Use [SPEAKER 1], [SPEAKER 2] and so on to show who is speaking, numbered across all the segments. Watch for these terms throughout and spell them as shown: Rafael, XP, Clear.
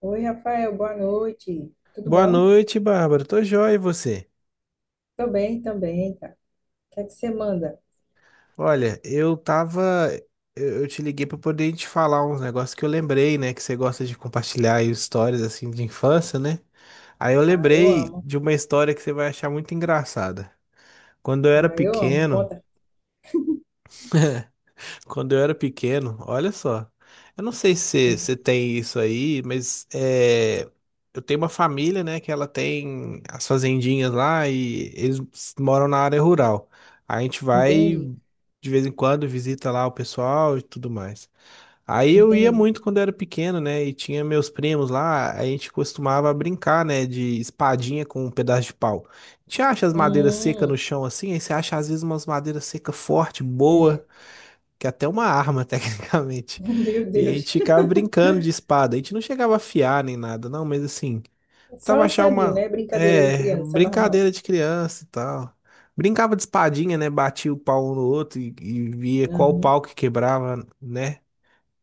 [SPEAKER 1] Oi, Rafael, boa noite. Tudo
[SPEAKER 2] Boa
[SPEAKER 1] bom?
[SPEAKER 2] noite, Bárbara. Tô joia, e você?
[SPEAKER 1] Tô bem também, cara. O que é que você manda?
[SPEAKER 2] Olha, eu tava. Eu te liguei pra poder te falar uns negócios que eu lembrei, né? Que você gosta de compartilhar aí histórias assim de infância, né? Aí eu
[SPEAKER 1] Ah, eu
[SPEAKER 2] lembrei
[SPEAKER 1] amo.
[SPEAKER 2] de uma história que você vai achar muito engraçada. Quando eu era
[SPEAKER 1] Ah, eu amo.
[SPEAKER 2] pequeno,
[SPEAKER 1] Conta.
[SPEAKER 2] Quando eu era pequeno, olha só. Eu não sei se você tem isso aí, eu tenho uma família, né, que ela tem as fazendinhas lá e eles moram na área rural. A gente vai
[SPEAKER 1] Entendi,
[SPEAKER 2] de vez em quando visita lá o pessoal e tudo mais. Aí eu ia
[SPEAKER 1] entendi.
[SPEAKER 2] muito quando eu era pequeno, né, e tinha meus primos lá, a gente costumava brincar, né, de espadinha com um pedaço de pau. A gente acha as madeiras secas no
[SPEAKER 1] Hum,
[SPEAKER 2] chão assim, aí você acha às vezes umas madeiras secas forte,
[SPEAKER 1] é.
[SPEAKER 2] boa, que é até uma arma, tecnicamente.
[SPEAKER 1] Meu
[SPEAKER 2] E a
[SPEAKER 1] Deus.
[SPEAKER 2] gente ficava brincando de espada. A gente não chegava a afiar nem nada, não, mas assim, tava
[SPEAKER 1] Só
[SPEAKER 2] achar
[SPEAKER 1] sadio,
[SPEAKER 2] uma,
[SPEAKER 1] né? Brincadeira de criança, normal.
[SPEAKER 2] brincadeira de criança e tal. Brincava de espadinha, né? Batia o pau um no outro e via qual
[SPEAKER 1] Aham,
[SPEAKER 2] pau que quebrava, né?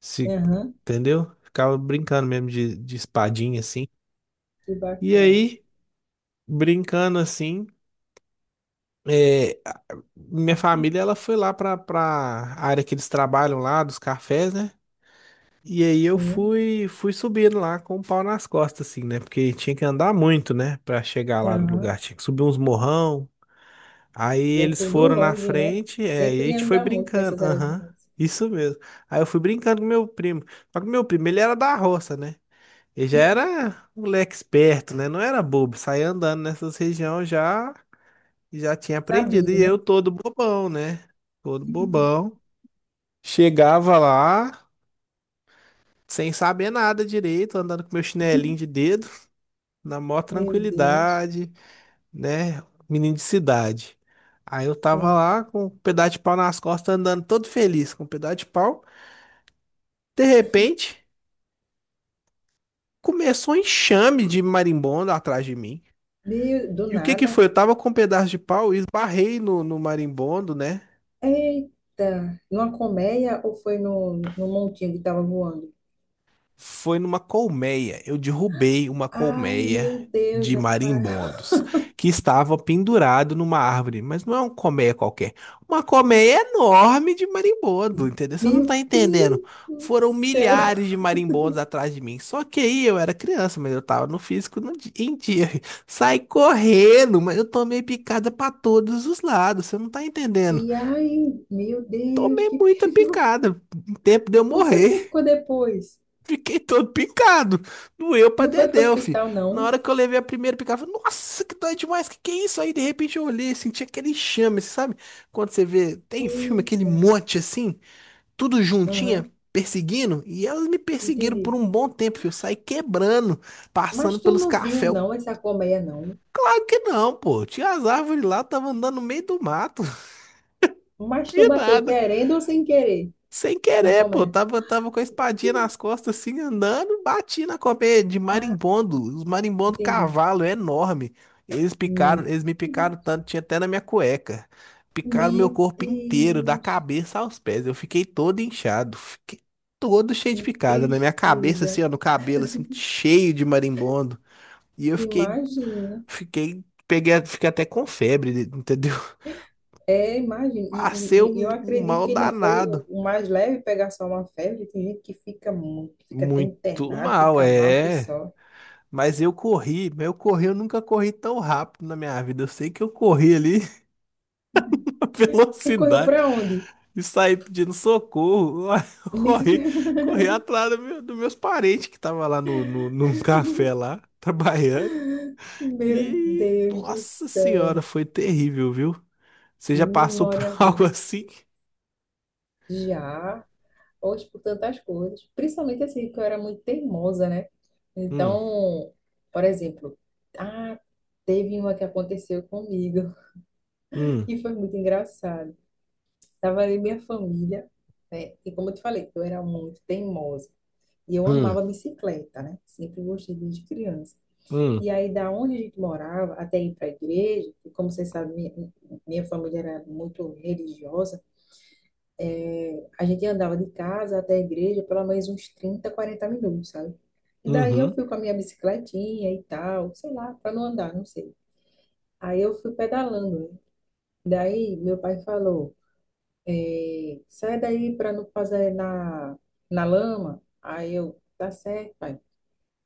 [SPEAKER 2] Se,
[SPEAKER 1] aham.
[SPEAKER 2] entendeu? Ficava brincando mesmo de espadinha, assim.
[SPEAKER 1] Que
[SPEAKER 2] E
[SPEAKER 1] bacana.
[SPEAKER 2] aí, brincando assim, é, minha família, ela foi lá pra área que eles trabalham lá, dos cafés, né? E aí
[SPEAKER 1] Sim,
[SPEAKER 2] fui subindo lá com o pau nas costas, assim, né? Porque tinha que andar muito, né? Pra chegar lá no
[SPEAKER 1] aham.
[SPEAKER 2] lugar. Tinha que subir uns morrão. Aí
[SPEAKER 1] E é
[SPEAKER 2] eles
[SPEAKER 1] tudo
[SPEAKER 2] foram na
[SPEAKER 1] longe, né?
[SPEAKER 2] frente, e a
[SPEAKER 1] Sempre
[SPEAKER 2] gente foi
[SPEAKER 1] anda muito
[SPEAKER 2] brincando.
[SPEAKER 1] nessas áreas
[SPEAKER 2] Aham,
[SPEAKER 1] rurais.
[SPEAKER 2] isso mesmo. Aí eu fui brincando com meu primo. Só que meu primo, ele era da roça, né? Ele já era um moleque esperto, né? Não era bobo. Saía andando nessas regiões já, já tinha aprendido.
[SPEAKER 1] Sabido,
[SPEAKER 2] E eu
[SPEAKER 1] né?
[SPEAKER 2] todo bobão, né? Todo bobão. Chegava lá, sem saber nada direito, andando com meu chinelinho de dedo, na maior
[SPEAKER 1] Meu Deus.
[SPEAKER 2] tranquilidade, né? Menino de cidade. Aí eu tava
[SPEAKER 1] Sim.
[SPEAKER 2] lá com um pedaço de pau nas costas, andando todo feliz com um pedaço de pau. De repente, começou um enxame de marimbondo atrás de mim.
[SPEAKER 1] Meio do
[SPEAKER 2] E o que que foi?
[SPEAKER 1] nada.
[SPEAKER 2] Eu tava com um pedaço de pau e esbarrei no marimbondo, né?
[SPEAKER 1] Eita, numa colmeia ou foi no montinho que estava voando?
[SPEAKER 2] Foi numa colmeia. Eu derrubei uma
[SPEAKER 1] Ai,
[SPEAKER 2] colmeia
[SPEAKER 1] meu Deus,
[SPEAKER 2] de
[SPEAKER 1] Rafael.
[SPEAKER 2] marimbondos que estava pendurado numa árvore, mas não é uma colmeia qualquer. Uma colmeia enorme de marimbondo, entendeu? Você não tá
[SPEAKER 1] Meu
[SPEAKER 2] entendendo.
[SPEAKER 1] Deus do
[SPEAKER 2] Foram
[SPEAKER 1] céu.
[SPEAKER 2] milhares de marimbondos atrás de mim. Só que aí eu era criança, mas eu tava no físico no di- em dia. Saí correndo, mas eu tomei picada para todos os lados. Você não tá entendendo.
[SPEAKER 1] E ai, meu Deus,
[SPEAKER 2] Tomei
[SPEAKER 1] que
[SPEAKER 2] muita
[SPEAKER 1] perigo.
[SPEAKER 2] picada. Em tempo de eu
[SPEAKER 1] Como foi que você
[SPEAKER 2] morrer.
[SPEAKER 1] ficou depois?
[SPEAKER 2] Fiquei todo picado. Doeu pra
[SPEAKER 1] Não foi para o
[SPEAKER 2] dedéu, fi.
[SPEAKER 1] hospital,
[SPEAKER 2] Na
[SPEAKER 1] não?
[SPEAKER 2] hora que eu levei a primeira picada, eu falei, nossa, que dói demais. Que é isso? Aí, de repente, eu olhei, senti aquele enxame, sabe? Quando você vê, tem filme, aquele
[SPEAKER 1] Eita.
[SPEAKER 2] monte assim, tudo juntinha,
[SPEAKER 1] Aham,
[SPEAKER 2] perseguindo. E elas me perseguiram por
[SPEAKER 1] entendi.
[SPEAKER 2] um bom tempo, fi. Eu saí quebrando, passando
[SPEAKER 1] Mas tu
[SPEAKER 2] pelos
[SPEAKER 1] não viu,
[SPEAKER 2] cafés.
[SPEAKER 1] não, essa colmeia, não?
[SPEAKER 2] Claro que não, pô. Tinha as árvores lá, tava andando no meio do mato.
[SPEAKER 1] Mas tu
[SPEAKER 2] De
[SPEAKER 1] bateu
[SPEAKER 2] nada.
[SPEAKER 1] querendo ou sem querer
[SPEAKER 2] Sem
[SPEAKER 1] na
[SPEAKER 2] querer, pô.
[SPEAKER 1] colmeia?
[SPEAKER 2] Tava com a espadinha nas costas, assim, andando, bati na cobra de
[SPEAKER 1] Ah,
[SPEAKER 2] marimbondo. Os marimbondo
[SPEAKER 1] entendi.
[SPEAKER 2] cavalo, é enorme.
[SPEAKER 1] Meu,
[SPEAKER 2] Eles me picaram tanto, tinha até na minha cueca. Picaram meu
[SPEAKER 1] meu
[SPEAKER 2] corpo inteiro, da
[SPEAKER 1] Deus.
[SPEAKER 2] cabeça aos pés. Eu fiquei todo inchado. Fiquei todo cheio de
[SPEAKER 1] Que
[SPEAKER 2] picada. Na minha cabeça, assim,
[SPEAKER 1] tristeza.
[SPEAKER 2] ó, no cabelo, assim, cheio de marimbondo. E eu fiquei,
[SPEAKER 1] Imagina.
[SPEAKER 2] fiquei, peguei, a- fiquei até com febre, entendeu?
[SPEAKER 1] É, imagina.
[SPEAKER 2] Passei
[SPEAKER 1] E eu
[SPEAKER 2] um
[SPEAKER 1] acredito
[SPEAKER 2] mal
[SPEAKER 1] que ainda foi o,
[SPEAKER 2] danado.
[SPEAKER 1] o mais leve pegar só uma febre. Tem gente que fica muito, fica até
[SPEAKER 2] Muito
[SPEAKER 1] internado,
[SPEAKER 2] mal,
[SPEAKER 1] fica mal que
[SPEAKER 2] é.
[SPEAKER 1] só.
[SPEAKER 2] Mas eu corri, eu nunca corri tão rápido na minha vida. Eu sei que eu corri ali a
[SPEAKER 1] Você correu
[SPEAKER 2] velocidade
[SPEAKER 1] para onde?
[SPEAKER 2] e saí pedindo socorro. Eu
[SPEAKER 1] Meu Deus,
[SPEAKER 2] corri, corri atrás dos meus parentes que estavam lá no, no, num café lá, trabalhando.
[SPEAKER 1] meu
[SPEAKER 2] E,
[SPEAKER 1] Deus do
[SPEAKER 2] nossa
[SPEAKER 1] céu.
[SPEAKER 2] senhora, foi terrível, viu? Você
[SPEAKER 1] Que
[SPEAKER 2] já passou por
[SPEAKER 1] memória
[SPEAKER 2] algo
[SPEAKER 1] boa.
[SPEAKER 2] assim?
[SPEAKER 1] Já, hoje por tantas coisas. Principalmente assim, que eu era muito teimosa, né?
[SPEAKER 2] Hum,
[SPEAKER 1] Então, por exemplo, ah, teve uma que aconteceu comigo
[SPEAKER 2] hum,
[SPEAKER 1] e foi muito engraçado. Tava ali minha família, né? E como eu te falei, eu era muito teimosa. E eu
[SPEAKER 2] hum,
[SPEAKER 1] amava bicicleta, né? Sempre gostei desde criança.
[SPEAKER 2] hum,
[SPEAKER 1] E aí, da onde a gente morava, até ir para a igreja, e como vocês sabem, minha família era muito religiosa, a gente andava de casa até a igreja pelo menos uns 30 40 minutos, sabe? E daí eu
[SPEAKER 2] uhum,
[SPEAKER 1] fui com a minha bicicletinha e tal, sei lá, para não andar, não sei. Aí eu fui pedalando, né? Daí meu pai falou, é, sai daí para não fazer na, na lama. Aí eu, tá certo, pai.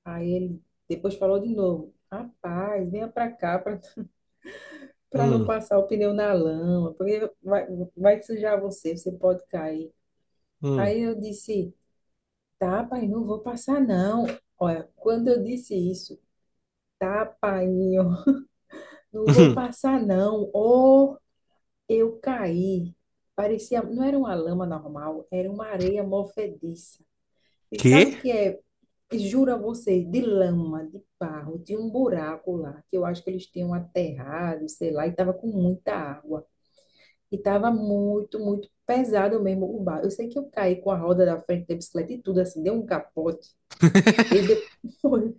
[SPEAKER 1] Aí ele depois falou de novo, rapaz, venha para cá para não
[SPEAKER 2] hum,
[SPEAKER 1] passar o pneu na lama, porque vai sujar você, você pode cair.
[SPEAKER 2] hum,
[SPEAKER 1] Aí eu disse, tá, pai, não vou passar não. Olha, quando eu disse isso, tá, pai, não vou
[SPEAKER 2] uhum.
[SPEAKER 1] passar não. Ou eu caí. Parecia, não era uma lama normal, era uma areia movediça. E sabe o
[SPEAKER 2] Quê?
[SPEAKER 1] que é? Juro a você, de lama, de barro, de um buraco lá, que eu acho que eles tinham aterrado, sei lá, e tava com muita água. E tava muito, muito pesado mesmo o barro. Eu sei que eu caí com a roda da frente da bicicleta e tudo, assim, deu um capote. E depois,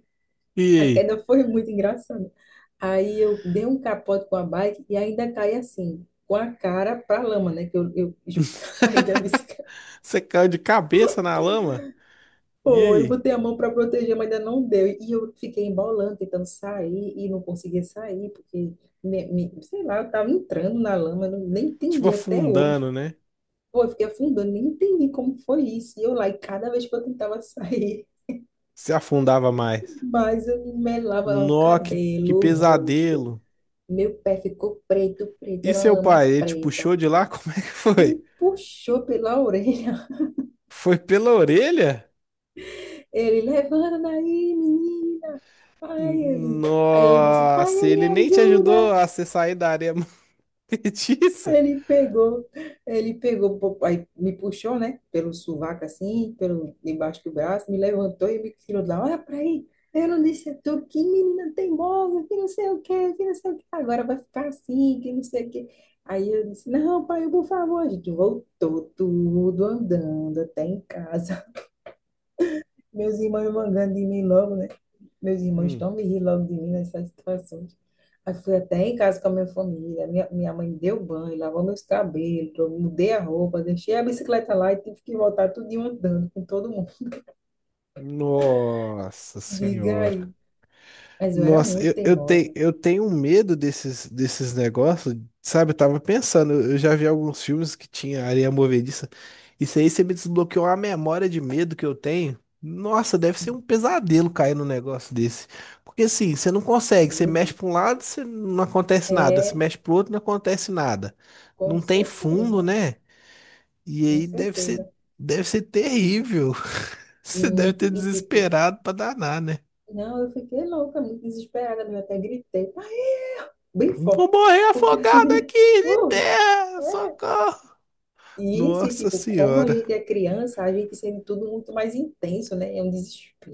[SPEAKER 2] E
[SPEAKER 1] a
[SPEAKER 2] aí?
[SPEAKER 1] queda foi muito engraçada. Aí eu dei um capote com a bike e ainda caí assim, com a cara pra lama, né? Que eu caí da bicicleta.
[SPEAKER 2] Você caiu de cabeça na lama? E
[SPEAKER 1] Pô, eu
[SPEAKER 2] aí?
[SPEAKER 1] botei a mão para proteger, mas ainda não deu. E eu fiquei embolando, tentando sair e não conseguia sair, porque, sei lá, eu estava entrando na lama, eu não- nem
[SPEAKER 2] Tipo
[SPEAKER 1] entendi até hoje.
[SPEAKER 2] afundando, né?
[SPEAKER 1] Pô, eu fiquei afundando, nem entendi como foi isso. E eu lá, e cada vez que eu tentava sair,
[SPEAKER 2] Se afundava mais.
[SPEAKER 1] mas eu me melava o
[SPEAKER 2] Nó, que
[SPEAKER 1] cabelo, o rosto,
[SPEAKER 2] pesadelo.
[SPEAKER 1] meu pé ficou preto, preto,
[SPEAKER 2] E
[SPEAKER 1] era uma
[SPEAKER 2] seu
[SPEAKER 1] lama
[SPEAKER 2] pai, ele te
[SPEAKER 1] preta.
[SPEAKER 2] puxou de lá? Como é que
[SPEAKER 1] Me
[SPEAKER 2] foi?
[SPEAKER 1] puxou pela orelha.
[SPEAKER 2] Foi pela orelha?
[SPEAKER 1] Ele, levanta daí, menina. Aí ele. Aí eu disse, pai,
[SPEAKER 2] Nossa,
[SPEAKER 1] me
[SPEAKER 2] ele nem te ajudou
[SPEAKER 1] ajuda.
[SPEAKER 2] a você sair da areia
[SPEAKER 1] Aí
[SPEAKER 2] movediça?
[SPEAKER 1] ele pegou, ele pegou, pô, aí me puxou, né, pelo sovaco assim, pelo debaixo do braço, me levantou e me tirou de lá. Olha pra aí, eu não disse a tu que menina teimosa, que não sei o quê, que não sei o quê, agora vai ficar assim, que não sei o quê. Aí eu disse: não, pai, por favor, a gente voltou tudo andando até em casa. Meus irmãos mangando de mim logo, né? Meus irmãos
[SPEAKER 2] Hum.
[SPEAKER 1] estão me rilando de mim nessas situações. Aí fui até em casa com a minha família. Minha mãe deu banho, lavou meus cabelos, eu mudei a roupa, deixei a bicicleta lá e tive que voltar tudinho andando com todo mundo.
[SPEAKER 2] Nossa
[SPEAKER 1] Diga
[SPEAKER 2] senhora.
[SPEAKER 1] aí. Mas eu era
[SPEAKER 2] Nossa,
[SPEAKER 1] muito
[SPEAKER 2] tenho,
[SPEAKER 1] teimosa.
[SPEAKER 2] eu tenho um medo desses, desses negócios, sabe? Eu tava pensando, eu já vi alguns filmes que tinha areia movediça. Isso aí você me desbloqueou uma memória de medo que eu tenho. Nossa, deve ser um
[SPEAKER 1] Sim,
[SPEAKER 2] pesadelo cair num negócio desse. Porque assim, você não consegue, você
[SPEAKER 1] meu
[SPEAKER 2] mexe para
[SPEAKER 1] Deus.
[SPEAKER 2] um lado, você não acontece nada, você
[SPEAKER 1] É,
[SPEAKER 2] mexe pro outro, não acontece nada.
[SPEAKER 1] com
[SPEAKER 2] Não tem fundo,
[SPEAKER 1] certeza,
[SPEAKER 2] né? E
[SPEAKER 1] com
[SPEAKER 2] aí
[SPEAKER 1] certeza.
[SPEAKER 2] deve ser terrível. Você deve
[SPEAKER 1] Muito.
[SPEAKER 2] ter
[SPEAKER 1] E tipo,
[SPEAKER 2] desesperado pra danar, né?
[SPEAKER 1] não, eu fiquei louca, muito desesperada, eu até gritei, pai, bem
[SPEAKER 2] Vou
[SPEAKER 1] forte.
[SPEAKER 2] morrer
[SPEAKER 1] Porque
[SPEAKER 2] afogado
[SPEAKER 1] assim,
[SPEAKER 2] aqui de
[SPEAKER 1] foi.
[SPEAKER 2] terra, socorro.
[SPEAKER 1] Isso, e
[SPEAKER 2] Nossa
[SPEAKER 1] tipo, como a
[SPEAKER 2] senhora.
[SPEAKER 1] gente é criança, a gente sente tudo muito mais intenso, né? É um desespero.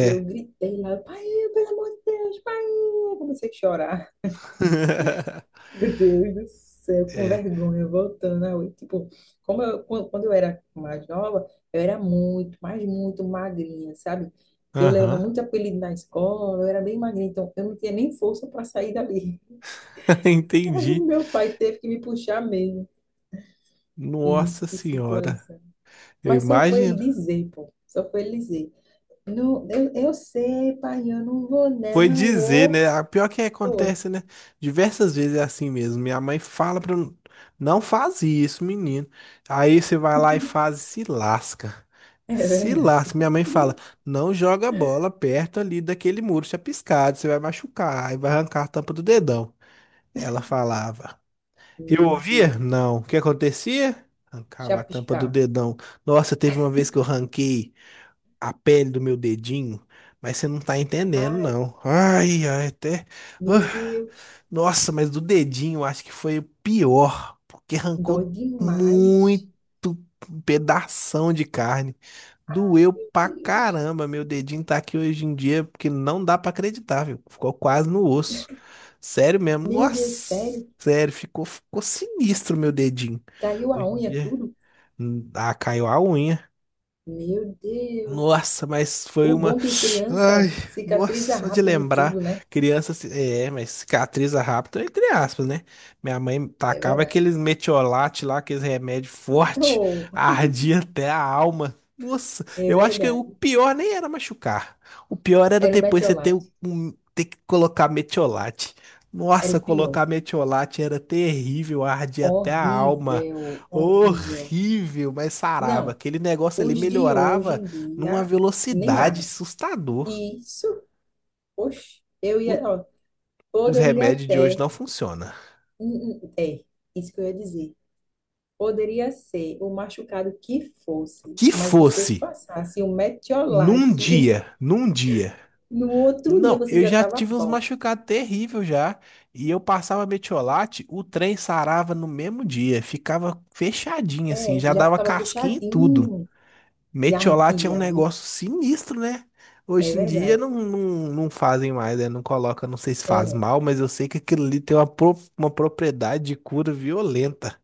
[SPEAKER 1] E eu gritei lá, pai, pelo amor de Deus, pai! Eu comecei a chorar. Meu Deus do céu, com
[SPEAKER 2] É.
[SPEAKER 1] vergonha, voltando. A oi. Tipo, como eu, quando eu era mais nova, eu era muito, mas muito magrinha, sabe? Que eu levava
[SPEAKER 2] Aham.
[SPEAKER 1] muito apelido na escola, eu era bem magrinha, então eu não tinha nem força para sair dali. E aí
[SPEAKER 2] Entendi.
[SPEAKER 1] meu pai teve que me puxar mesmo. Fiz,
[SPEAKER 2] Nossa
[SPEAKER 1] que
[SPEAKER 2] senhora.
[SPEAKER 1] situação.
[SPEAKER 2] Eu
[SPEAKER 1] Mas só foi ele
[SPEAKER 2] imagino.
[SPEAKER 1] dizer, pô. Só foi ele dizer. Não, eu sei, pai, eu não vou
[SPEAKER 2] Foi
[SPEAKER 1] não.
[SPEAKER 2] dizer,
[SPEAKER 1] Ô,
[SPEAKER 2] né? A pior que
[SPEAKER 1] foi.
[SPEAKER 2] acontece, né? Diversas vezes é assim mesmo. Minha mãe fala pra eu não faz isso, menino. Aí você vai lá e faz e se lasca.
[SPEAKER 1] É
[SPEAKER 2] Se
[SPEAKER 1] verdade.
[SPEAKER 2] lasca. Minha mãe fala: não joga a bola perto ali daquele muro chapiscado, você vai machucar, aí vai arrancar a tampa do dedão. Ela falava. Eu
[SPEAKER 1] Meu
[SPEAKER 2] ouvia?
[SPEAKER 1] Deus.
[SPEAKER 2] Não. O que acontecia? Arrancava a tampa do
[SPEAKER 1] Chapiscar.
[SPEAKER 2] dedão. Nossa, teve uma vez que eu ranquei a pele do meu dedinho, mas você não tá entendendo,
[SPEAKER 1] Ai,
[SPEAKER 2] não. Até.
[SPEAKER 1] meu
[SPEAKER 2] Ah,
[SPEAKER 1] Deus.
[SPEAKER 2] nossa, mas do dedinho eu acho que foi o pior, porque
[SPEAKER 1] Dói
[SPEAKER 2] arrancou
[SPEAKER 1] demais.
[SPEAKER 2] muito pedação de carne.
[SPEAKER 1] Ai,
[SPEAKER 2] Doeu
[SPEAKER 1] meu
[SPEAKER 2] pra
[SPEAKER 1] Deus.
[SPEAKER 2] caramba. Meu dedinho tá aqui hoje em dia, porque não dá pra acreditar, viu? Ficou quase no osso. Sério mesmo.
[SPEAKER 1] Meu Deus,
[SPEAKER 2] Nossa,
[SPEAKER 1] sério?
[SPEAKER 2] sério, ficou sinistro meu dedinho.
[SPEAKER 1] Caiu a
[SPEAKER 2] Hoje em
[SPEAKER 1] unha
[SPEAKER 2] dia,
[SPEAKER 1] tudo?
[SPEAKER 2] caiu a unha.
[SPEAKER 1] Meu Deus.
[SPEAKER 2] Nossa, mas foi
[SPEAKER 1] O
[SPEAKER 2] uma.
[SPEAKER 1] bom que
[SPEAKER 2] Ai,
[SPEAKER 1] criança
[SPEAKER 2] nossa,
[SPEAKER 1] cicatriza
[SPEAKER 2] só de
[SPEAKER 1] rápido
[SPEAKER 2] lembrar.
[SPEAKER 1] tudo, né?
[SPEAKER 2] Criança. Se- É, mas cicatriza rápido, entre aspas, né? Minha mãe
[SPEAKER 1] É
[SPEAKER 2] tacava
[SPEAKER 1] verdade.
[SPEAKER 2] aqueles metiolate lá, aqueles remédio forte,
[SPEAKER 1] Oh,
[SPEAKER 2] ardia até a alma. Nossa,
[SPEAKER 1] é
[SPEAKER 2] eu acho que o
[SPEAKER 1] verdade.
[SPEAKER 2] pior nem era machucar. O pior era
[SPEAKER 1] Era o
[SPEAKER 2] depois você ter,
[SPEAKER 1] Mertiolate.
[SPEAKER 2] ter que colocar metiolate.
[SPEAKER 1] Era
[SPEAKER 2] Nossa,
[SPEAKER 1] o pior.
[SPEAKER 2] colocar metiolate era terrível, ardia até a alma.
[SPEAKER 1] Horrível, horrível.
[SPEAKER 2] Horrível, mas sarava.
[SPEAKER 1] Não,
[SPEAKER 2] Aquele negócio ali
[SPEAKER 1] os de hoje
[SPEAKER 2] melhorava
[SPEAKER 1] em
[SPEAKER 2] numa
[SPEAKER 1] dia nem
[SPEAKER 2] velocidade
[SPEAKER 1] arde.
[SPEAKER 2] assustador.
[SPEAKER 1] Isso, oxe, eu
[SPEAKER 2] O-
[SPEAKER 1] ia, ó,
[SPEAKER 2] os
[SPEAKER 1] poderia
[SPEAKER 2] remédios de hoje não
[SPEAKER 1] até,
[SPEAKER 2] funcionam.
[SPEAKER 1] é, isso que eu ia dizer. Poderia ser o machucado que fosse,
[SPEAKER 2] Que
[SPEAKER 1] mas você
[SPEAKER 2] fosse
[SPEAKER 1] passasse um
[SPEAKER 2] num
[SPEAKER 1] metiolate
[SPEAKER 2] dia, num dia.
[SPEAKER 1] no outro dia
[SPEAKER 2] Não,
[SPEAKER 1] você
[SPEAKER 2] eu
[SPEAKER 1] já
[SPEAKER 2] já
[SPEAKER 1] estava
[SPEAKER 2] tive uns
[SPEAKER 1] bom.
[SPEAKER 2] machucados terríveis já. E eu passava metiolate, o trem sarava no mesmo dia. Ficava fechadinho assim,
[SPEAKER 1] É,
[SPEAKER 2] já
[SPEAKER 1] já
[SPEAKER 2] dava
[SPEAKER 1] ficava
[SPEAKER 2] casquinha e tudo.
[SPEAKER 1] fechadinho e
[SPEAKER 2] Metiolate é um
[SPEAKER 1] ardia, viu?
[SPEAKER 2] negócio sinistro, né?
[SPEAKER 1] É
[SPEAKER 2] Hoje em dia
[SPEAKER 1] verdade.
[SPEAKER 2] não, não fazem mais, né? Não coloca, não sei se faz
[SPEAKER 1] É,
[SPEAKER 2] mal, mas eu sei que aquilo ali tem uma, uma propriedade de cura violenta.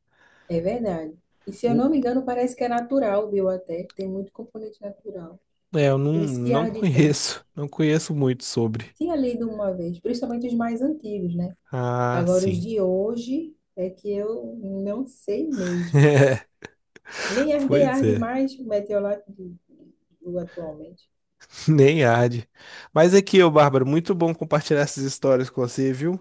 [SPEAKER 1] é verdade. E se eu
[SPEAKER 2] O-
[SPEAKER 1] não me engano, parece que é natural, viu? Até tem muito componente natural.
[SPEAKER 2] É, eu
[SPEAKER 1] Por isso que
[SPEAKER 2] não
[SPEAKER 1] arde tanto.
[SPEAKER 2] conheço, não conheço muito sobre.
[SPEAKER 1] Tinha lido uma vez, principalmente os mais antigos, né?
[SPEAKER 2] Ah,
[SPEAKER 1] Agora, os
[SPEAKER 2] sim.
[SPEAKER 1] de hoje é que eu não sei mesmo. Nem arde
[SPEAKER 2] Pois
[SPEAKER 1] arde
[SPEAKER 2] é,
[SPEAKER 1] mais o meteorológico do atualmente.
[SPEAKER 2] nem arde. Mas aqui, ô Bárbara, muito bom compartilhar essas histórias com você, viu?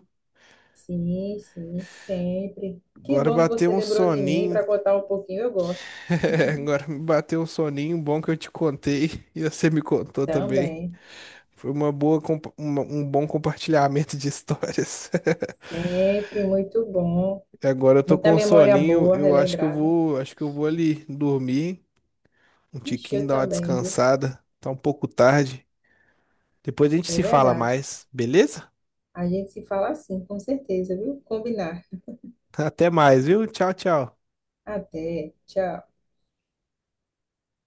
[SPEAKER 1] Sim, sim, sempre. Que
[SPEAKER 2] Agora
[SPEAKER 1] bom que você
[SPEAKER 2] bateu um
[SPEAKER 1] lembrou de mim
[SPEAKER 2] soninho.
[SPEAKER 1] para contar um pouquinho, eu gosto.
[SPEAKER 2] Agora me bateu um soninho bom que eu te contei e você me contou também.
[SPEAKER 1] Também,
[SPEAKER 2] Foi uma boa, um bom compartilhamento de histórias.
[SPEAKER 1] sempre muito bom.
[SPEAKER 2] E agora eu tô
[SPEAKER 1] Muita
[SPEAKER 2] com um
[SPEAKER 1] memória
[SPEAKER 2] soninho,
[SPEAKER 1] boa,
[SPEAKER 2] eu acho que eu
[SPEAKER 1] relembrada.
[SPEAKER 2] vou, acho que eu vou ali dormir, um
[SPEAKER 1] Ixi,
[SPEAKER 2] tiquinho,
[SPEAKER 1] eu
[SPEAKER 2] dar uma
[SPEAKER 1] também, viu?
[SPEAKER 2] descansada. Tá um pouco tarde. Depois a gente
[SPEAKER 1] É
[SPEAKER 2] se fala
[SPEAKER 1] verdade.
[SPEAKER 2] mais, beleza?
[SPEAKER 1] A gente se fala assim, com certeza, viu? Combinar.
[SPEAKER 2] Até mais, viu? Tchau, tchau.
[SPEAKER 1] Até, tchau.